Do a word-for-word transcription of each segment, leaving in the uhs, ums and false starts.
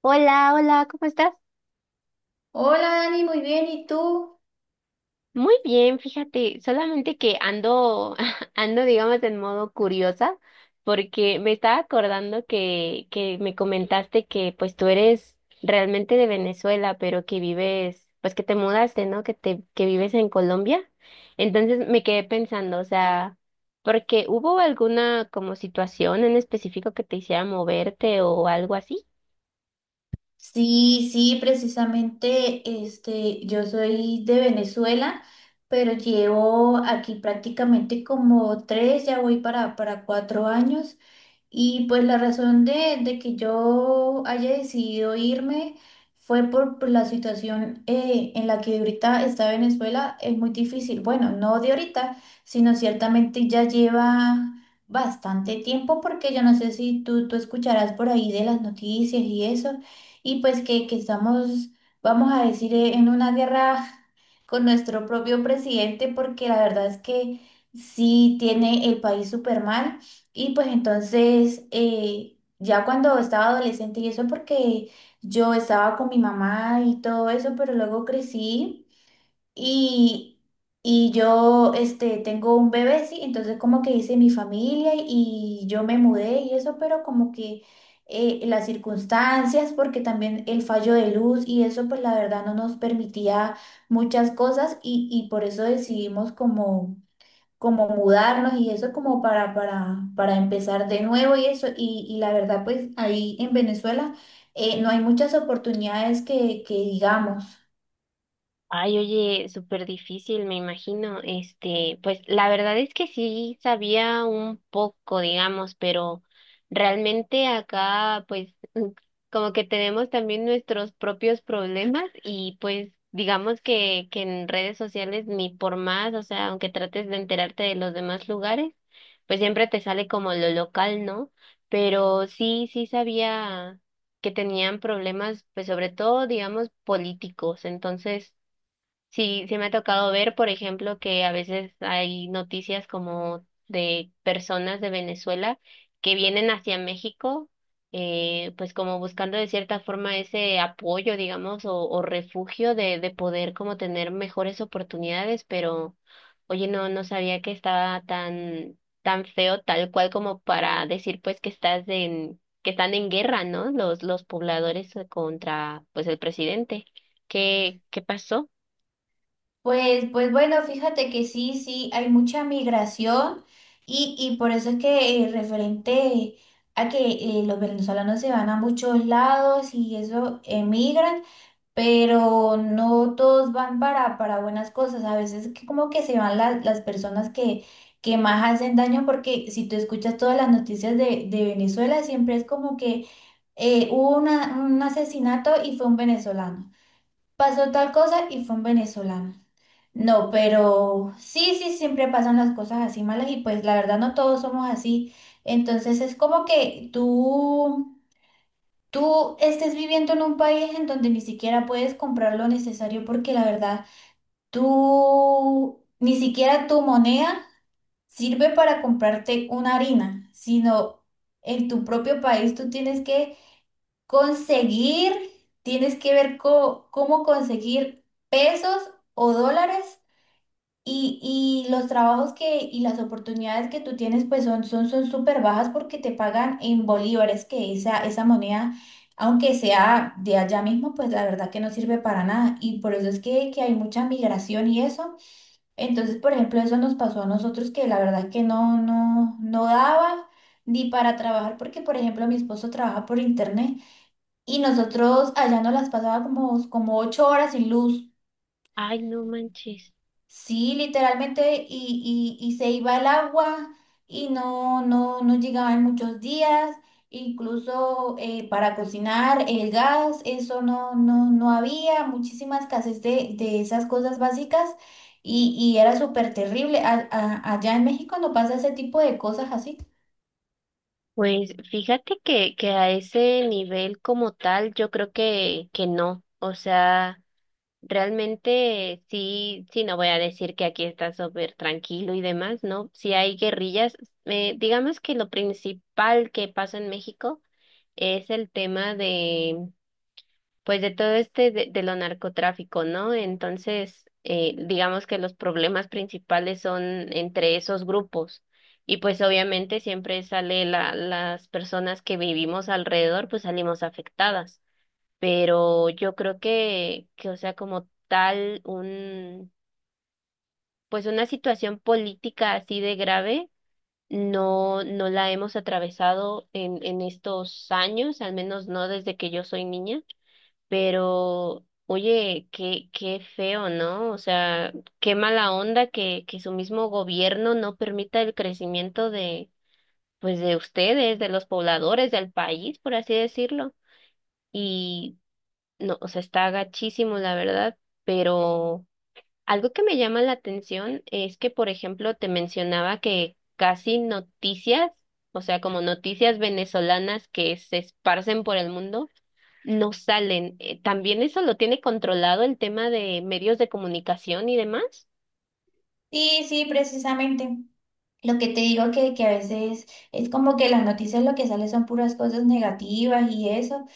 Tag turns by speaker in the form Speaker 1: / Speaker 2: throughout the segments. Speaker 1: Hola, hola, ¿cómo estás?
Speaker 2: Hola Dani, muy bien, ¿y tú?
Speaker 1: Muy bien, fíjate, solamente que ando, ando, digamos, en modo curiosa, porque me estaba acordando que, que me comentaste que pues tú eres realmente de Venezuela, pero que vives, pues que te mudaste, ¿no? Que te, que vives en Colombia. Entonces me quedé pensando, o sea, porque hubo alguna como situación en específico que te hiciera moverte o algo así.
Speaker 2: Sí, sí, precisamente, este, yo soy de Venezuela, pero llevo aquí prácticamente como tres, ya voy para, para cuatro años. Y pues la razón de, de que yo haya decidido irme fue por, por la situación eh, en la que ahorita está Venezuela, es muy difícil. Bueno, no de ahorita, sino ciertamente ya lleva bastante tiempo porque yo no sé si tú, tú escucharás por ahí de las noticias y eso, y pues que, que estamos, vamos a decir, eh, en una guerra con nuestro propio presidente porque la verdad es que sí tiene el país súper mal. Y pues entonces, eh, ya cuando estaba adolescente, y eso porque yo estaba con mi mamá y todo eso, pero luego crecí y, y yo este, tengo un bebé, sí, entonces como que hice mi familia y yo me mudé y eso, pero como que eh, las circunstancias, porque también el fallo de luz y eso, pues la verdad no nos permitía muchas cosas y, y por eso decidimos como como mudarnos y eso como para, para, para empezar de nuevo y eso. Y, y la verdad, pues ahí en Venezuela eh, no hay muchas oportunidades que, que digamos.
Speaker 1: Ay, oye, súper difícil, me imagino. Este, pues la verdad es que sí sabía un poco, digamos, pero realmente acá, pues, como que tenemos también nuestros propios problemas y pues digamos que, que en redes sociales ni por más, o sea, aunque trates de enterarte de los demás lugares, pues siempre te sale como lo local, ¿no? Pero sí, sí sabía que tenían problemas, pues sobre todo, digamos, políticos. Entonces, sí, sí me ha tocado ver, por ejemplo, que a veces hay noticias como de personas de Venezuela que vienen hacia México, eh, pues como buscando de cierta forma ese apoyo, digamos, o, o refugio de, de poder como tener mejores oportunidades, pero oye, no, no sabía que estaba tan, tan feo, tal cual como para decir pues que estás en, que están en guerra, ¿no? Los, los pobladores contra pues el presidente. ¿Qué, qué pasó?
Speaker 2: Pues, pues bueno, fíjate que sí, sí, hay mucha migración y, y por eso es que eh, referente a que eh, los venezolanos se van a muchos lados y eso emigran. Pero no todos van para, para buenas cosas. A veces que como que se van las, las personas que, que más hacen daño, porque si tú escuchas todas las noticias de, de Venezuela, siempre es como que eh, hubo una- un asesinato y fue un venezolano. Pasó tal cosa y fue un venezolano. No, pero sí, sí, siempre pasan las cosas así malas y pues la verdad no todos somos así. Entonces es como que tú tú estés viviendo en un país en donde ni siquiera puedes comprar lo necesario porque la verdad, tú ni siquiera tu moneda sirve para comprarte una harina, sino en tu propio país tú tienes que conseguir, tienes que ver co- cómo conseguir pesos o dólares y, y los trabajos que y las oportunidades que tú tienes pues son son son súper bajas porque te pagan en bolívares, que esa esa moneda, aunque sea de allá mismo, pues la verdad que no sirve para nada y por eso es que, que hay mucha migración y eso. Entonces, por ejemplo, eso nos pasó a nosotros que la verdad que no no no daba ni para trabajar porque, por ejemplo, mi esposo trabaja por internet y nosotros allá nos las pasaba como como ocho horas sin luz.
Speaker 1: Ay, no manches.
Speaker 2: Sí, literalmente, y, y, y se iba el agua y no, no, no llegaba en muchos días, incluso eh, para cocinar el gas, eso no, no, no había, muchísima escasez de, de esas cosas básicas y, y era súper terrible. A- a- allá en México no pasa ese tipo de cosas así.
Speaker 1: Pues fíjate que, que a ese nivel como tal, yo creo que, que no. O sea, realmente sí, sí, no voy a decir que aquí está súper tranquilo y demás, ¿no? Si hay guerrillas. Eh, digamos que lo principal que pasa en México es el tema pues de todo este de, de lo narcotráfico, ¿no? Entonces, eh, digamos que los problemas principales son entre esos grupos. Y pues obviamente siempre sale la, las personas que vivimos alrededor, pues salimos afectadas. Pero yo creo que, que, o sea, como tal, un, pues una situación política así de grave, no, no la hemos atravesado en, en estos años, al menos no desde que yo soy niña. Pero, oye, qué, qué feo, ¿no? O sea, qué mala onda que, que su mismo gobierno no permita el crecimiento de, pues, de ustedes, de los pobladores, del país, por así decirlo. Y, no, o sea, está gachísimo, la verdad, pero algo que me llama la atención es que, por ejemplo, te mencionaba que casi noticias, o sea, como noticias venezolanas que se esparcen por el mundo no salen. Eh, ¿También eso lo tiene controlado el tema de medios de comunicación y demás?
Speaker 2: Sí, sí, precisamente. Lo que te digo que, que a veces es como que las noticias lo que sale son puras cosas negativas y eso.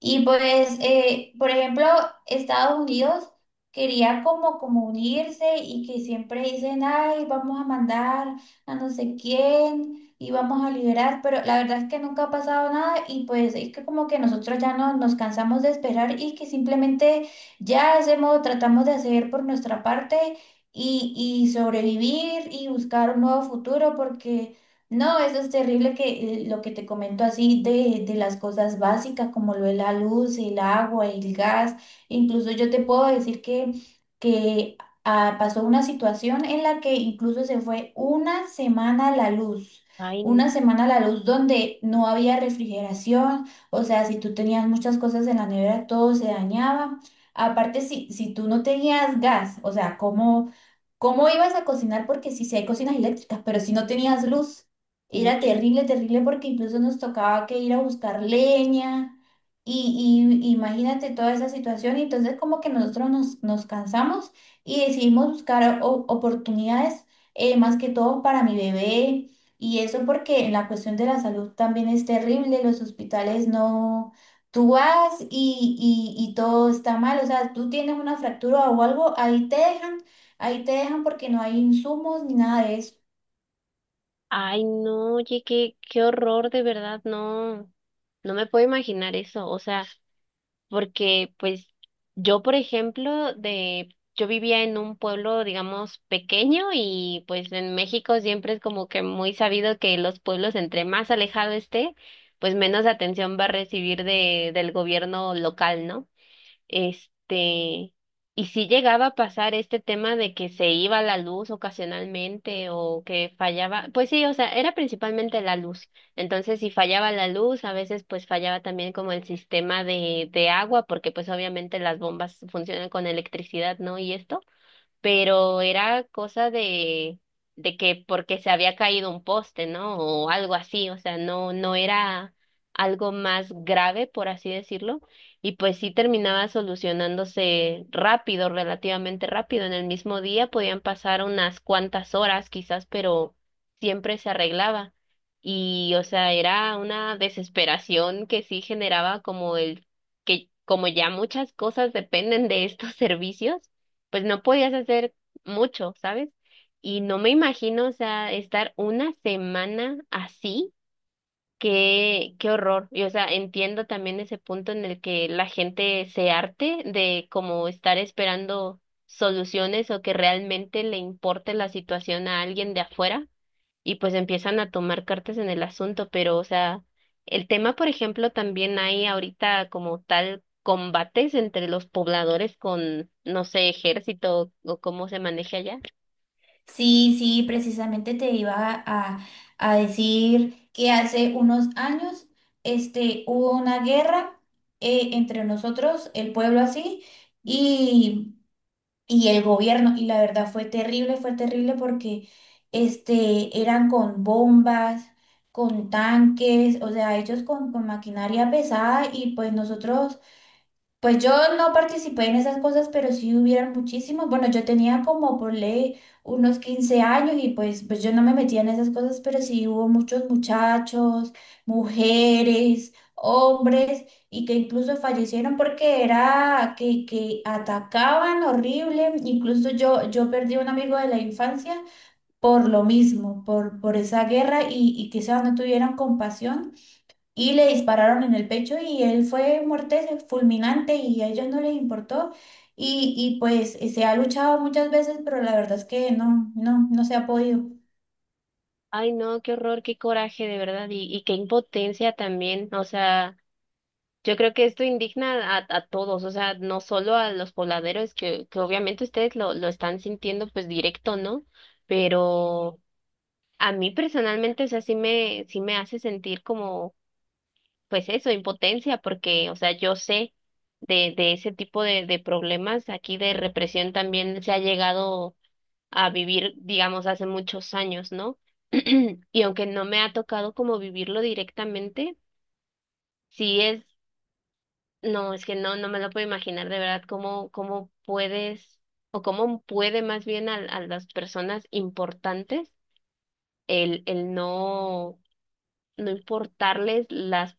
Speaker 2: Y pues, eh, por ejemplo, Estados Unidos quería como, como unirse y que siempre dicen, ay, vamos a mandar a no sé quién y vamos a liberar, pero la verdad es que nunca ha pasado nada y pues es que como que nosotros ya no, nos cansamos de esperar y que simplemente ya hacemos, tratamos de hacer por nuestra parte y, y sobrevivir y buscar un nuevo futuro porque no, eso es terrible que eh, lo que te comento así de, de las cosas básicas como lo de la luz, el agua, el gas. Incluso yo te puedo decir que, que ah, pasó una situación en la que incluso se fue una semana la luz.
Speaker 1: Ay,
Speaker 2: Una semana la luz donde no había refrigeración. O sea, si tú tenías muchas cosas en la nevera, todo se dañaba. Aparte, si, si tú no tenías gas, o sea, ¿cómo? ¿Cómo ibas a cocinar? Porque sí, sí hay cocinas eléctricas, pero si no tenías luz, era
Speaker 1: sí.
Speaker 2: terrible, terrible, porque incluso nos tocaba que ir a buscar leña y, y imagínate toda esa situación. Y entonces como que nosotros nos, nos cansamos y decidimos buscar o- oportunidades, eh, más que todo para mi bebé. Y eso porque en la cuestión de la salud también es terrible, los hospitales no... Tú vas y, y, y todo está mal, o sea, tú tienes una fractura o algo, ahí te dejan. Ahí te dejan porque no hay insumos ni nada de eso.
Speaker 1: Ay, no, oye, qué, qué horror, de verdad, no, no me puedo imaginar eso. O sea, porque pues yo, por ejemplo, de, yo vivía en un pueblo, digamos, pequeño y pues en México siempre es como que muy sabido que los pueblos entre más alejado esté, pues menos atención va a recibir de, del gobierno local, ¿no? Este, y si llegaba a pasar este tema de que se iba la luz ocasionalmente o que fallaba, pues sí, o sea, era principalmente la luz. Entonces, si fallaba la luz, a veces pues fallaba también como el sistema de, de agua, porque pues obviamente las bombas funcionan con electricidad, ¿no? Y esto, pero era cosa de, de que porque se había caído un poste, ¿no? O algo así, o sea, no, no era algo más grave, por así decirlo, y pues sí terminaba solucionándose rápido, relativamente rápido. En el mismo día podían pasar unas cuantas horas quizás, pero siempre se arreglaba. Y, o sea, era una desesperación que sí generaba como el que como ya muchas cosas dependen de estos servicios, pues no podías hacer mucho, ¿sabes? Y no me imagino, o sea, estar una semana así, qué, qué horror. Y o sea, entiendo también ese punto en el que la gente se harte de como estar esperando soluciones o que realmente le importe la situación a alguien de afuera y pues empiezan a tomar cartas en el asunto, pero o sea, el tema, por ejemplo, también hay ahorita como tal combates entre los pobladores con, no sé, ejército o cómo se maneja allá.
Speaker 2: Sí, sí, precisamente te iba a, a decir que hace unos años este, hubo una guerra eh, entre nosotros, el pueblo así, y, y el gobierno. Y la verdad fue terrible, fue terrible porque este, eran con bombas, con tanques, o sea, ellos con, con maquinaria pesada y pues nosotros. Pues yo no participé en esas cosas, pero sí hubieron muchísimos. Bueno, yo tenía como por ley unos quince años y pues, pues yo no me metía en esas cosas, pero sí hubo muchos muchachos, mujeres, hombres y que incluso fallecieron porque era que, que atacaban horrible. Incluso yo, yo perdí un amigo de la infancia por lo mismo, por, por esa guerra y, y quizás no tuvieran compasión y le dispararon en el pecho y él fue muerte fulminante y a ellos no les importó. Y, y pues se ha luchado muchas veces, pero la verdad es que no, no, no se ha podido.
Speaker 1: Ay, no, qué horror, qué coraje, de verdad, y, y qué impotencia también, o sea, yo creo que esto indigna a, a todos, o sea, no solo a los pobladores, que, que obviamente ustedes lo, lo están sintiendo pues directo, ¿no? Pero... a mí personalmente, o sea, sí me, sí me hace sentir como pues eso, impotencia, porque, o sea, yo sé de, de ese tipo de, de problemas aquí de represión también se ha llegado a vivir, digamos, hace muchos años, ¿no? Y aunque no me ha tocado como vivirlo directamente, sí es, no, es que no, no me lo puedo imaginar de verdad cómo, cómo puedes, o cómo puede más bien a, a las personas importantes el, el no, no importarles las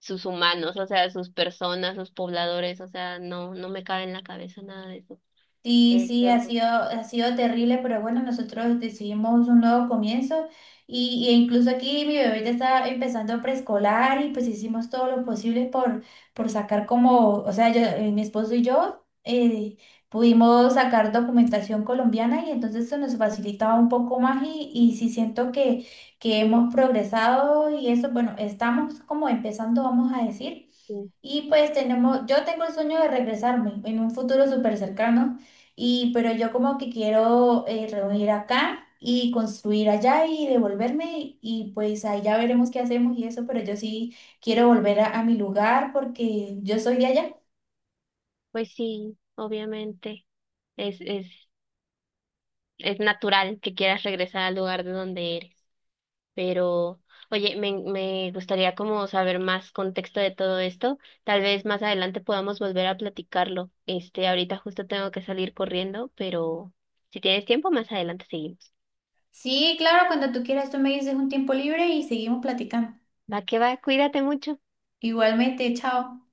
Speaker 1: sus humanos, o sea, sus personas, sus pobladores, o sea, no, no me cabe en la cabeza nada de eso.
Speaker 2: Sí,
Speaker 1: Eh, qué
Speaker 2: sí, ha
Speaker 1: horror.
Speaker 2: sido, ha sido terrible, pero bueno, nosotros decidimos un nuevo comienzo y, y incluso aquí mi bebé ya está empezando preescolar y pues hicimos todo lo posible por, por sacar como, o sea, yo, eh, mi esposo y yo eh, pudimos sacar documentación colombiana y entonces eso nos facilitaba un poco más y, y sí siento que, que hemos progresado y eso, bueno, estamos como empezando, vamos a decir.
Speaker 1: Sí.
Speaker 2: Y pues tenemos, yo tengo el sueño de regresarme en un futuro súper cercano y, pero yo como que quiero eh, reunir acá y construir allá y devolverme y pues ahí ya veremos qué hacemos y eso, pero yo sí quiero volver a, a mi lugar porque yo soy de allá.
Speaker 1: Pues sí, obviamente, es, es, es natural que quieras regresar al lugar de donde eres, pero, oye, me, me gustaría como saber más contexto de todo esto, tal vez más adelante podamos volver a platicarlo, este, ahorita justo tengo que salir corriendo, pero si tienes tiempo, más adelante seguimos.
Speaker 2: Sí, claro, cuando tú quieras, tú me dices un tiempo libre y seguimos platicando.
Speaker 1: Va que va, cuídate mucho.
Speaker 2: Igualmente, chao.